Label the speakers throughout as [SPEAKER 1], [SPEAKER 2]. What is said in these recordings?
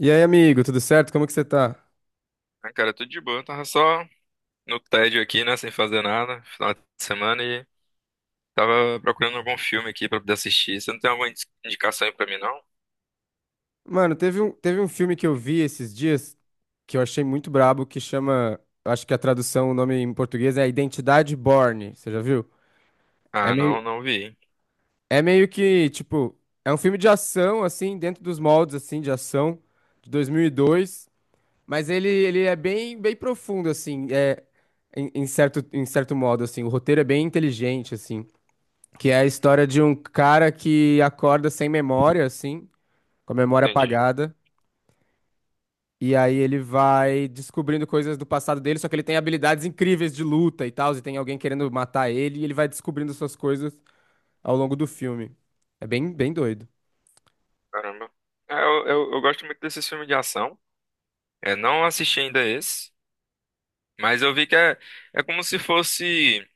[SPEAKER 1] E aí, amigo, tudo certo? Como que você tá?
[SPEAKER 2] Ah, cara, tudo de boa. Tava só no tédio aqui, né? Sem fazer nada, final de semana, e tava procurando algum filme aqui pra poder assistir. Você não tem alguma indicação aí pra mim, não?
[SPEAKER 1] Mano, teve um filme que eu vi esses dias que eu achei muito brabo, que chama, acho que a tradução, o nome em português é Identidade Bourne. Você já viu? É
[SPEAKER 2] Ah,
[SPEAKER 1] meio,
[SPEAKER 2] não, não vi.
[SPEAKER 1] é meio que, tipo, é um filme de ação, assim, dentro dos moldes, assim, de ação, de 2002, mas ele é bem, bem profundo, assim, em certo modo, assim, o roteiro é bem inteligente, assim, que é a história de um cara que acorda sem memória, assim, com a memória
[SPEAKER 2] Entendi.
[SPEAKER 1] apagada. E aí ele vai descobrindo coisas do passado dele, só que ele tem habilidades incríveis de luta e tal, e tem alguém querendo matar ele, e ele vai descobrindo essas coisas ao longo do filme. É bem, bem doido.
[SPEAKER 2] Caramba. É, eu gosto muito desses filmes de ação. É, não assisti ainda esse, mas eu vi que é como se fosse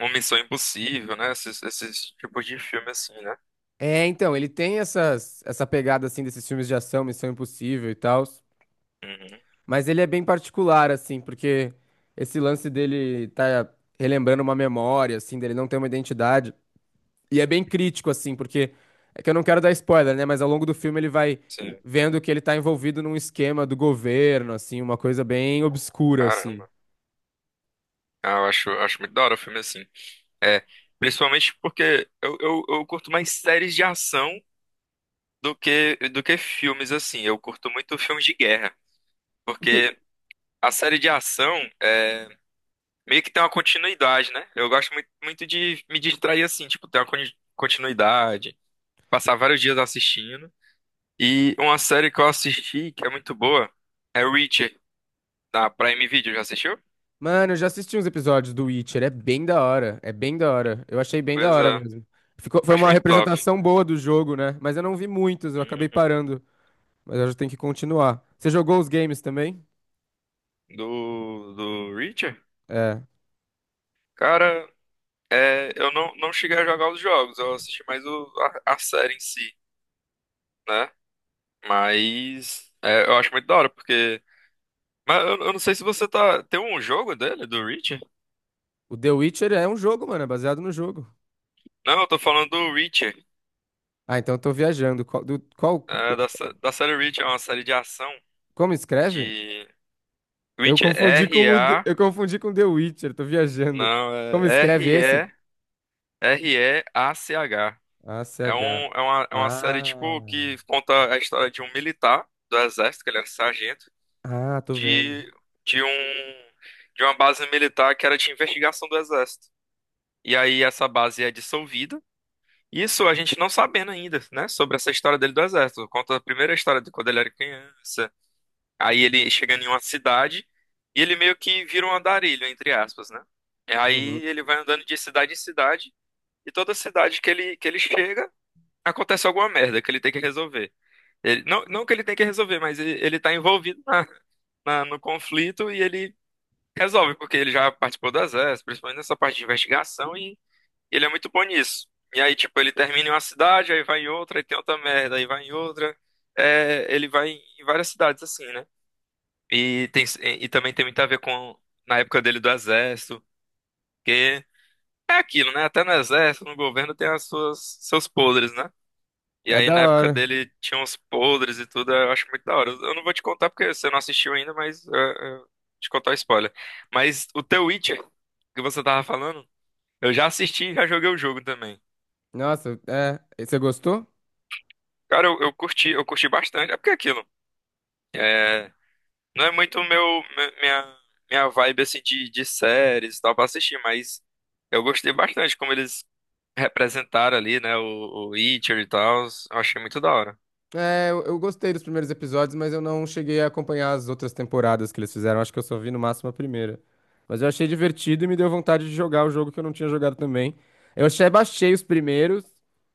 [SPEAKER 2] uma Missão Impossível, né? Esses tipos de filme assim, né?
[SPEAKER 1] É, então, ele tem essa pegada, assim, desses filmes de ação, Missão Impossível e tal,
[SPEAKER 2] Uhum,
[SPEAKER 1] mas ele é bem particular, assim, porque esse lance dele tá relembrando uma memória, assim, dele não ter uma identidade. E é bem crítico, assim, porque é que eu não quero dar spoiler, né? Mas ao longo do filme ele vai
[SPEAKER 2] sim.
[SPEAKER 1] vendo que ele tá envolvido num esquema do governo, assim, uma coisa bem obscura, assim.
[SPEAKER 2] Caramba. Ah, eu acho muito da hora o filme assim. É, principalmente porque eu curto mais séries de ação do que filmes, assim. Eu curto muito filmes de guerra,
[SPEAKER 1] O que...
[SPEAKER 2] porque a série de ação é, meio que tem uma continuidade, né? Eu gosto muito, muito de me distrair assim, tipo, ter uma continuidade, passar vários dias assistindo. E uma série que eu assisti, que é muito boa, é Reacher, da Prime Video. Já assistiu?
[SPEAKER 1] Mano, eu já assisti uns episódios do Witcher, é bem da hora, é bem da hora. Eu achei bem da hora
[SPEAKER 2] Coisa,
[SPEAKER 1] mesmo. Ficou... Foi
[SPEAKER 2] acho
[SPEAKER 1] uma
[SPEAKER 2] muito top.
[SPEAKER 1] representação boa do jogo, né? Mas eu não vi muitos, eu acabei
[SPEAKER 2] Uhum.
[SPEAKER 1] parando. Mas eu já tenho que continuar. Você jogou os games também?
[SPEAKER 2] Do Reacher?
[SPEAKER 1] É.
[SPEAKER 2] Cara. É, eu não cheguei a jogar os jogos, eu assisti mais a série em si, né? Mas é, eu acho muito da hora, porque. Mas eu não sei se você tá. Tem um jogo dele, do Reacher?
[SPEAKER 1] O The Witcher é um jogo, mano, é baseado no jogo.
[SPEAKER 2] Não, eu tô falando do Reacher.
[SPEAKER 1] Ah, então eu tô viajando. Qual, qual,
[SPEAKER 2] É, da série Reacher, é uma série de ação
[SPEAKER 1] como escreve?
[SPEAKER 2] de.
[SPEAKER 1] Eu
[SPEAKER 2] Reacher,
[SPEAKER 1] confundi com
[SPEAKER 2] R-A.
[SPEAKER 1] eu confundi com The Witcher, tô viajando.
[SPEAKER 2] Não,
[SPEAKER 1] Como
[SPEAKER 2] é
[SPEAKER 1] escreve esse?
[SPEAKER 2] R-E-R-E-A-C-H.
[SPEAKER 1] A C
[SPEAKER 2] É,
[SPEAKER 1] H.
[SPEAKER 2] um, é uma série, tipo,
[SPEAKER 1] Ah,
[SPEAKER 2] que conta a história de um militar do exército, que ele é um sargento.
[SPEAKER 1] tô vendo.
[SPEAKER 2] de, de um de uma base militar que era de investigação do Exército. E aí essa base é dissolvida. Isso a gente não sabendo ainda, né, sobre essa história dele do Exército. Conta a primeira história de quando ele era criança. Aí ele chega em uma cidade e ele meio que vira um andarilho, entre aspas, né? E
[SPEAKER 1] Uhum.
[SPEAKER 2] aí ele vai andando de cidade em cidade e toda cidade que ele chega acontece alguma merda que ele tem que resolver. Ele, não, não que ele tem que resolver, mas ele tá envolvido no conflito e ele resolve, porque ele já participou do exército, principalmente nessa parte de investigação, e ele é muito bom nisso. E aí, tipo, ele termina em uma cidade, aí vai em outra, aí tem outra merda, aí vai em outra. É, ele vai em várias cidades, assim, né? E também tem muito a ver com na época dele do exército, que é aquilo, né? Até no exército, no governo, tem as suas, seus podres, né? E
[SPEAKER 1] É
[SPEAKER 2] aí,
[SPEAKER 1] da
[SPEAKER 2] na época
[SPEAKER 1] hora.
[SPEAKER 2] dele, tinha uns podres e tudo, eu acho muito da hora. Eu não vou te contar porque você não assistiu ainda, mas te contar o spoiler. Mas o The Witcher, que você tava falando, eu já assisti e já joguei o jogo também.
[SPEAKER 1] Nossa, é. E você gostou?
[SPEAKER 2] Cara, eu curti bastante. É porque é aquilo, é, não é muito meu, minha vibe, assim, de séries e tal pra assistir, mas eu gostei bastante como eles representaram ali, né, o Witcher e tal. Eu achei muito da hora.
[SPEAKER 1] É, eu gostei dos primeiros episódios, mas eu não cheguei a acompanhar as outras temporadas que eles fizeram. Acho que eu só vi no máximo a primeira. Mas eu achei divertido e me deu vontade de jogar o jogo que eu não tinha jogado também. Eu achei, baixei os primeiros,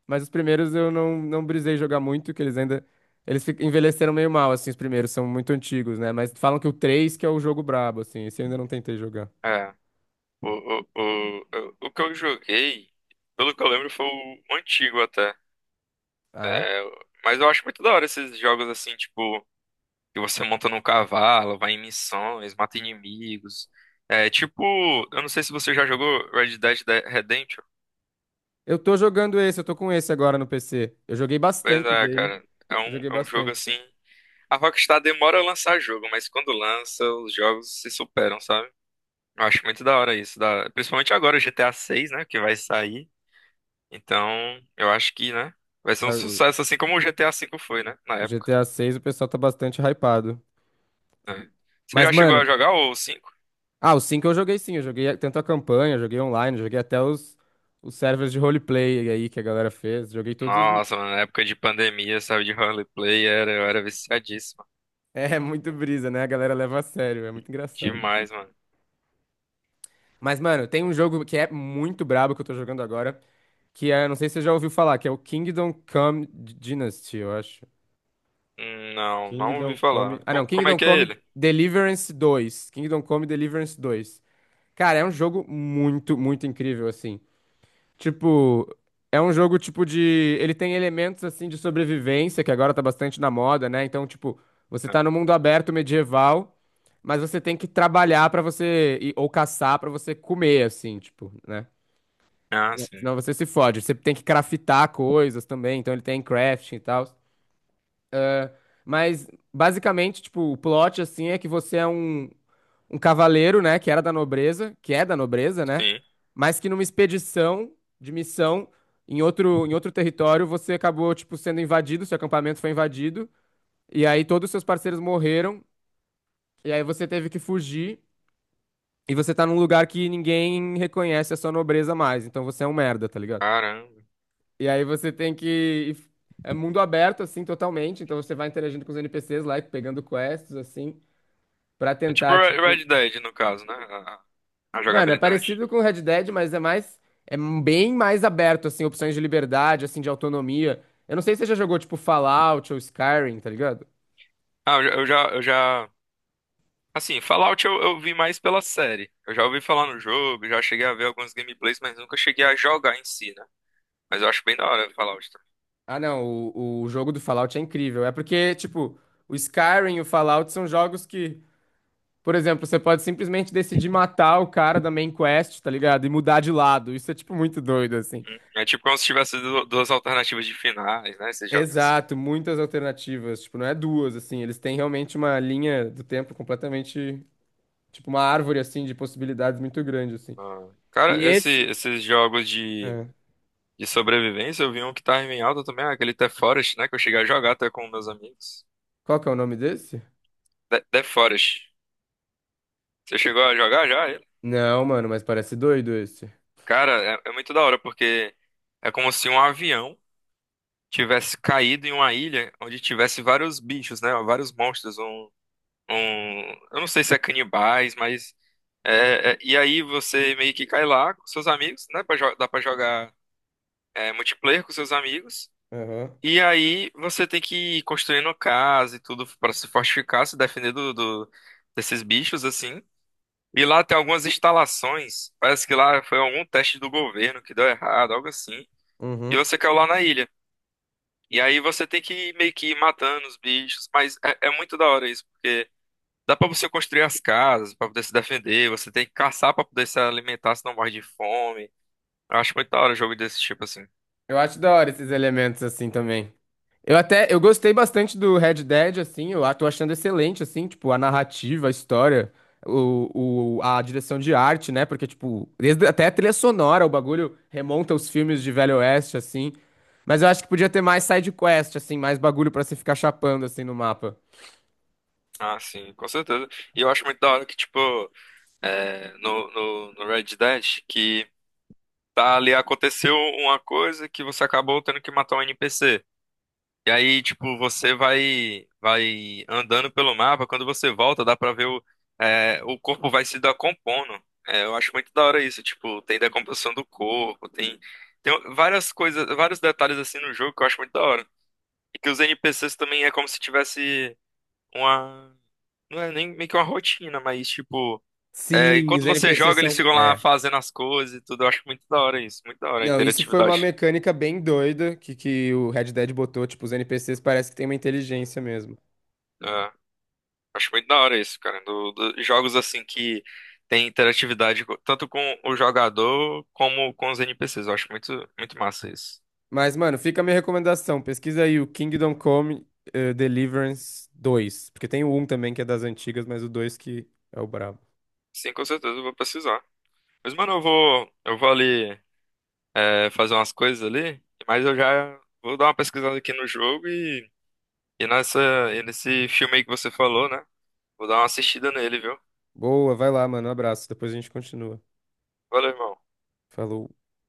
[SPEAKER 1] mas os primeiros eu não brisei jogar muito, que eles ainda. Envelheceram meio mal, assim, os primeiros, são muito antigos, né? Mas falam que o 3 que é o jogo brabo, assim. Esse eu ainda não tentei jogar.
[SPEAKER 2] É. O, o, o, o que eu joguei, pelo que eu lembro, foi o antigo até.
[SPEAKER 1] Ah, é?
[SPEAKER 2] Mas eu acho muito da hora esses jogos assim, tipo, que você monta num cavalo, vai em missões, mata inimigos. É tipo, eu não sei se você já jogou Red Dead Redemption.
[SPEAKER 1] Eu tô jogando esse, eu tô com esse agora no PC. Eu joguei
[SPEAKER 2] Pois
[SPEAKER 1] bastante
[SPEAKER 2] é,
[SPEAKER 1] dele.
[SPEAKER 2] cara. É
[SPEAKER 1] Eu
[SPEAKER 2] um,
[SPEAKER 1] joguei
[SPEAKER 2] é um jogo
[SPEAKER 1] bastante.
[SPEAKER 2] assim. A Rockstar demora a lançar jogo, mas quando lança, os jogos se superam, sabe? Eu acho muito da hora isso. Principalmente agora o GTA VI, né? Que vai sair. Então, eu acho que, né? Vai ser um
[SPEAKER 1] Ah,
[SPEAKER 2] sucesso assim como o GTA V foi, né? Na
[SPEAKER 1] o
[SPEAKER 2] época.
[SPEAKER 1] GTA 6 o pessoal tá bastante hypado.
[SPEAKER 2] Né? Você
[SPEAKER 1] Mas,
[SPEAKER 2] já chegou
[SPEAKER 1] mano,
[SPEAKER 2] a jogar o cinco?
[SPEAKER 1] ah, o 5 eu joguei sim, eu joguei tanto a campanha, joguei online, joguei até os servers de roleplay aí que a galera fez, joguei todos.
[SPEAKER 2] Nossa, mano, na época de pandemia, sabe, de roleplay, eu era viciadíssima.
[SPEAKER 1] É muito brisa, né? A galera leva a sério, é muito engraçado.
[SPEAKER 2] Demais, mano.
[SPEAKER 1] Mas, mano, tem um jogo que é muito brabo que eu tô jogando agora, que é, não sei se você já ouviu falar, que é o Kingdom Come Dynasty, eu acho.
[SPEAKER 2] Não, não ouvi
[SPEAKER 1] Kingdom Come.
[SPEAKER 2] falar.
[SPEAKER 1] Ah,
[SPEAKER 2] Co-
[SPEAKER 1] não,
[SPEAKER 2] como é
[SPEAKER 1] Kingdom
[SPEAKER 2] que é
[SPEAKER 1] Come
[SPEAKER 2] ele?
[SPEAKER 1] Deliverance dois, Kingdom Come Deliverance dois. Cara, é um jogo muito, muito incrível, assim. Tipo, é um jogo tipo de. Ele tem elementos assim de sobrevivência, que agora tá bastante na moda, né? Então, tipo, você tá no mundo aberto medieval, mas você tem que trabalhar pra você. Ou caçar pra você comer, assim, tipo, né?
[SPEAKER 2] Ah, sim.
[SPEAKER 1] Senão você se fode. Você tem que craftar coisas também, então ele tem crafting e tal. Mas, basicamente, tipo, o plot, assim, é que você é um cavaleiro, né, que era da nobreza, que é da nobreza, né,
[SPEAKER 2] Sim.
[SPEAKER 1] mas que numa expedição de missão em outro território você acabou, tipo, sendo invadido, seu acampamento foi invadido, e aí todos os seus parceiros morreram, e aí você teve que fugir, e você tá num lugar que ninguém reconhece a sua nobreza mais, então você é um merda, tá ligado?
[SPEAKER 2] Caramba.
[SPEAKER 1] E aí você tem que... É mundo aberto, assim, totalmente, então você vai interagindo com os NPCs lá, e pegando quests, assim, pra
[SPEAKER 2] É tipo
[SPEAKER 1] tentar,
[SPEAKER 2] Re-
[SPEAKER 1] tipo...
[SPEAKER 2] Red Dead, no caso, né? A
[SPEAKER 1] Mano, é
[SPEAKER 2] jogabilidade.
[SPEAKER 1] parecido com Red Dead, mas é mais, é bem mais aberto, assim, opções de liberdade, assim, de autonomia. Eu não sei se você já jogou, tipo, Fallout ou Skyrim, tá ligado?
[SPEAKER 2] Ah. Assim, Fallout eu vi mais pela série. Eu já ouvi falar no jogo, já cheguei a ver alguns gameplays, mas nunca cheguei a jogar em si, né? Mas eu acho bem da hora Fallout. Tá?
[SPEAKER 1] Ah, não, o jogo do Fallout é incrível. É porque, tipo, o Skyrim e o Fallout são jogos que, por exemplo, você pode simplesmente decidir matar o cara da main quest, tá ligado? E mudar de lado. Isso é, tipo, muito doido, assim.
[SPEAKER 2] É tipo como se tivesse duas alternativas de finais, né? Esses jogos assim.
[SPEAKER 1] Exato, muitas alternativas. Tipo, não é duas, assim. Eles têm realmente uma linha do tempo completamente. Tipo, uma árvore, assim, de possibilidades muito grande, assim.
[SPEAKER 2] Ah,
[SPEAKER 1] E
[SPEAKER 2] cara, esse-
[SPEAKER 1] esse.
[SPEAKER 2] esses jogos de,
[SPEAKER 1] É.
[SPEAKER 2] de sobrevivência, eu vi um que tá em alta também, ah, aquele The Forest, né? Que eu cheguei a jogar até com meus amigos.
[SPEAKER 1] Qual que é o nome desse?
[SPEAKER 2] The Forest. Você chegou a jogar já? Ele?
[SPEAKER 1] Não, mano, mas parece doido esse.
[SPEAKER 2] Cara, é muito da hora, porque é como se um avião tivesse caído em uma ilha onde tivesse vários bichos, né? Vários monstros. Um... Eu não sei se é canibais, mas... E aí você meio que cai lá com seus amigos, né? Dá pra jogar multiplayer com seus amigos.
[SPEAKER 1] Aham.
[SPEAKER 2] E aí você tem que ir construindo casa e tudo pra se fortificar, se defender desses bichos, assim. E lá tem algumas instalações. Parece que lá foi algum teste do governo que deu errado, algo assim. E
[SPEAKER 1] Uhum.
[SPEAKER 2] você caiu lá na ilha. E aí você tem que meio que ir matando os bichos. Mas é muito da hora isso, porque dá pra você construir as casas, pra poder se defender. Você tem que caçar pra poder se alimentar, se não morre de fome. Eu acho muito da hora jogo desse tipo, assim.
[SPEAKER 1] Eu acho da hora esses elementos assim também. Eu gostei bastante do Red Dead, assim, tô achando excelente, assim, tipo, a narrativa, a história, a direção de arte, né? Porque, tipo, desde, até a trilha sonora, o bagulho remonta aos filmes de Velho Oeste, assim. Mas eu acho que podia ter mais side quest, assim, mais bagulho pra você ficar chapando, assim, no mapa.
[SPEAKER 2] Ah, sim, com certeza. E eu acho muito da hora que, tipo, no Red Dead, que tá ali, aconteceu uma coisa que você acabou tendo que matar um NPC. E aí, tipo, você vai andando pelo mapa, quando você volta, dá pra ver o corpo vai se decompondo. É, eu acho muito da hora isso, tipo, tem decomposição do corpo, tem várias coisas, vários detalhes assim no jogo que eu acho muito da hora. E que os NPCs também é como se tivesse. Uma, Não é nem meio que uma rotina, mas tipo,
[SPEAKER 1] Sim,
[SPEAKER 2] enquanto
[SPEAKER 1] os
[SPEAKER 2] você
[SPEAKER 1] NPCs
[SPEAKER 2] joga,
[SPEAKER 1] são...
[SPEAKER 2] eles ficam lá
[SPEAKER 1] É.
[SPEAKER 2] fazendo as coisas e tudo. Eu acho muito da hora isso, muito da hora a
[SPEAKER 1] Não, isso foi uma
[SPEAKER 2] interatividade.
[SPEAKER 1] mecânica bem doida que o Red Dead botou. Tipo, os NPCs parece que tem uma inteligência mesmo.
[SPEAKER 2] É, acho muito da hora isso, cara. Jogos assim que tem interatividade tanto com o jogador como com os NPCs. Eu acho muito, muito massa isso.
[SPEAKER 1] Mas, mano, fica a minha recomendação. Pesquisa aí o Kingdom Come Deliverance dois. Porque tem o um também que é das antigas, mas o 2 que é o brabo.
[SPEAKER 2] Sim, com certeza eu vou precisar. Mas, mano, eu vou ali, fazer umas coisas ali, mas eu já vou dar uma pesquisada aqui no jogo e nessa, e nesse filme aí que você falou, né? Vou dar uma assistida nele, viu?
[SPEAKER 1] Boa, vai lá, mano. Um abraço. Depois a gente continua.
[SPEAKER 2] Valeu, irmão.
[SPEAKER 1] Falou.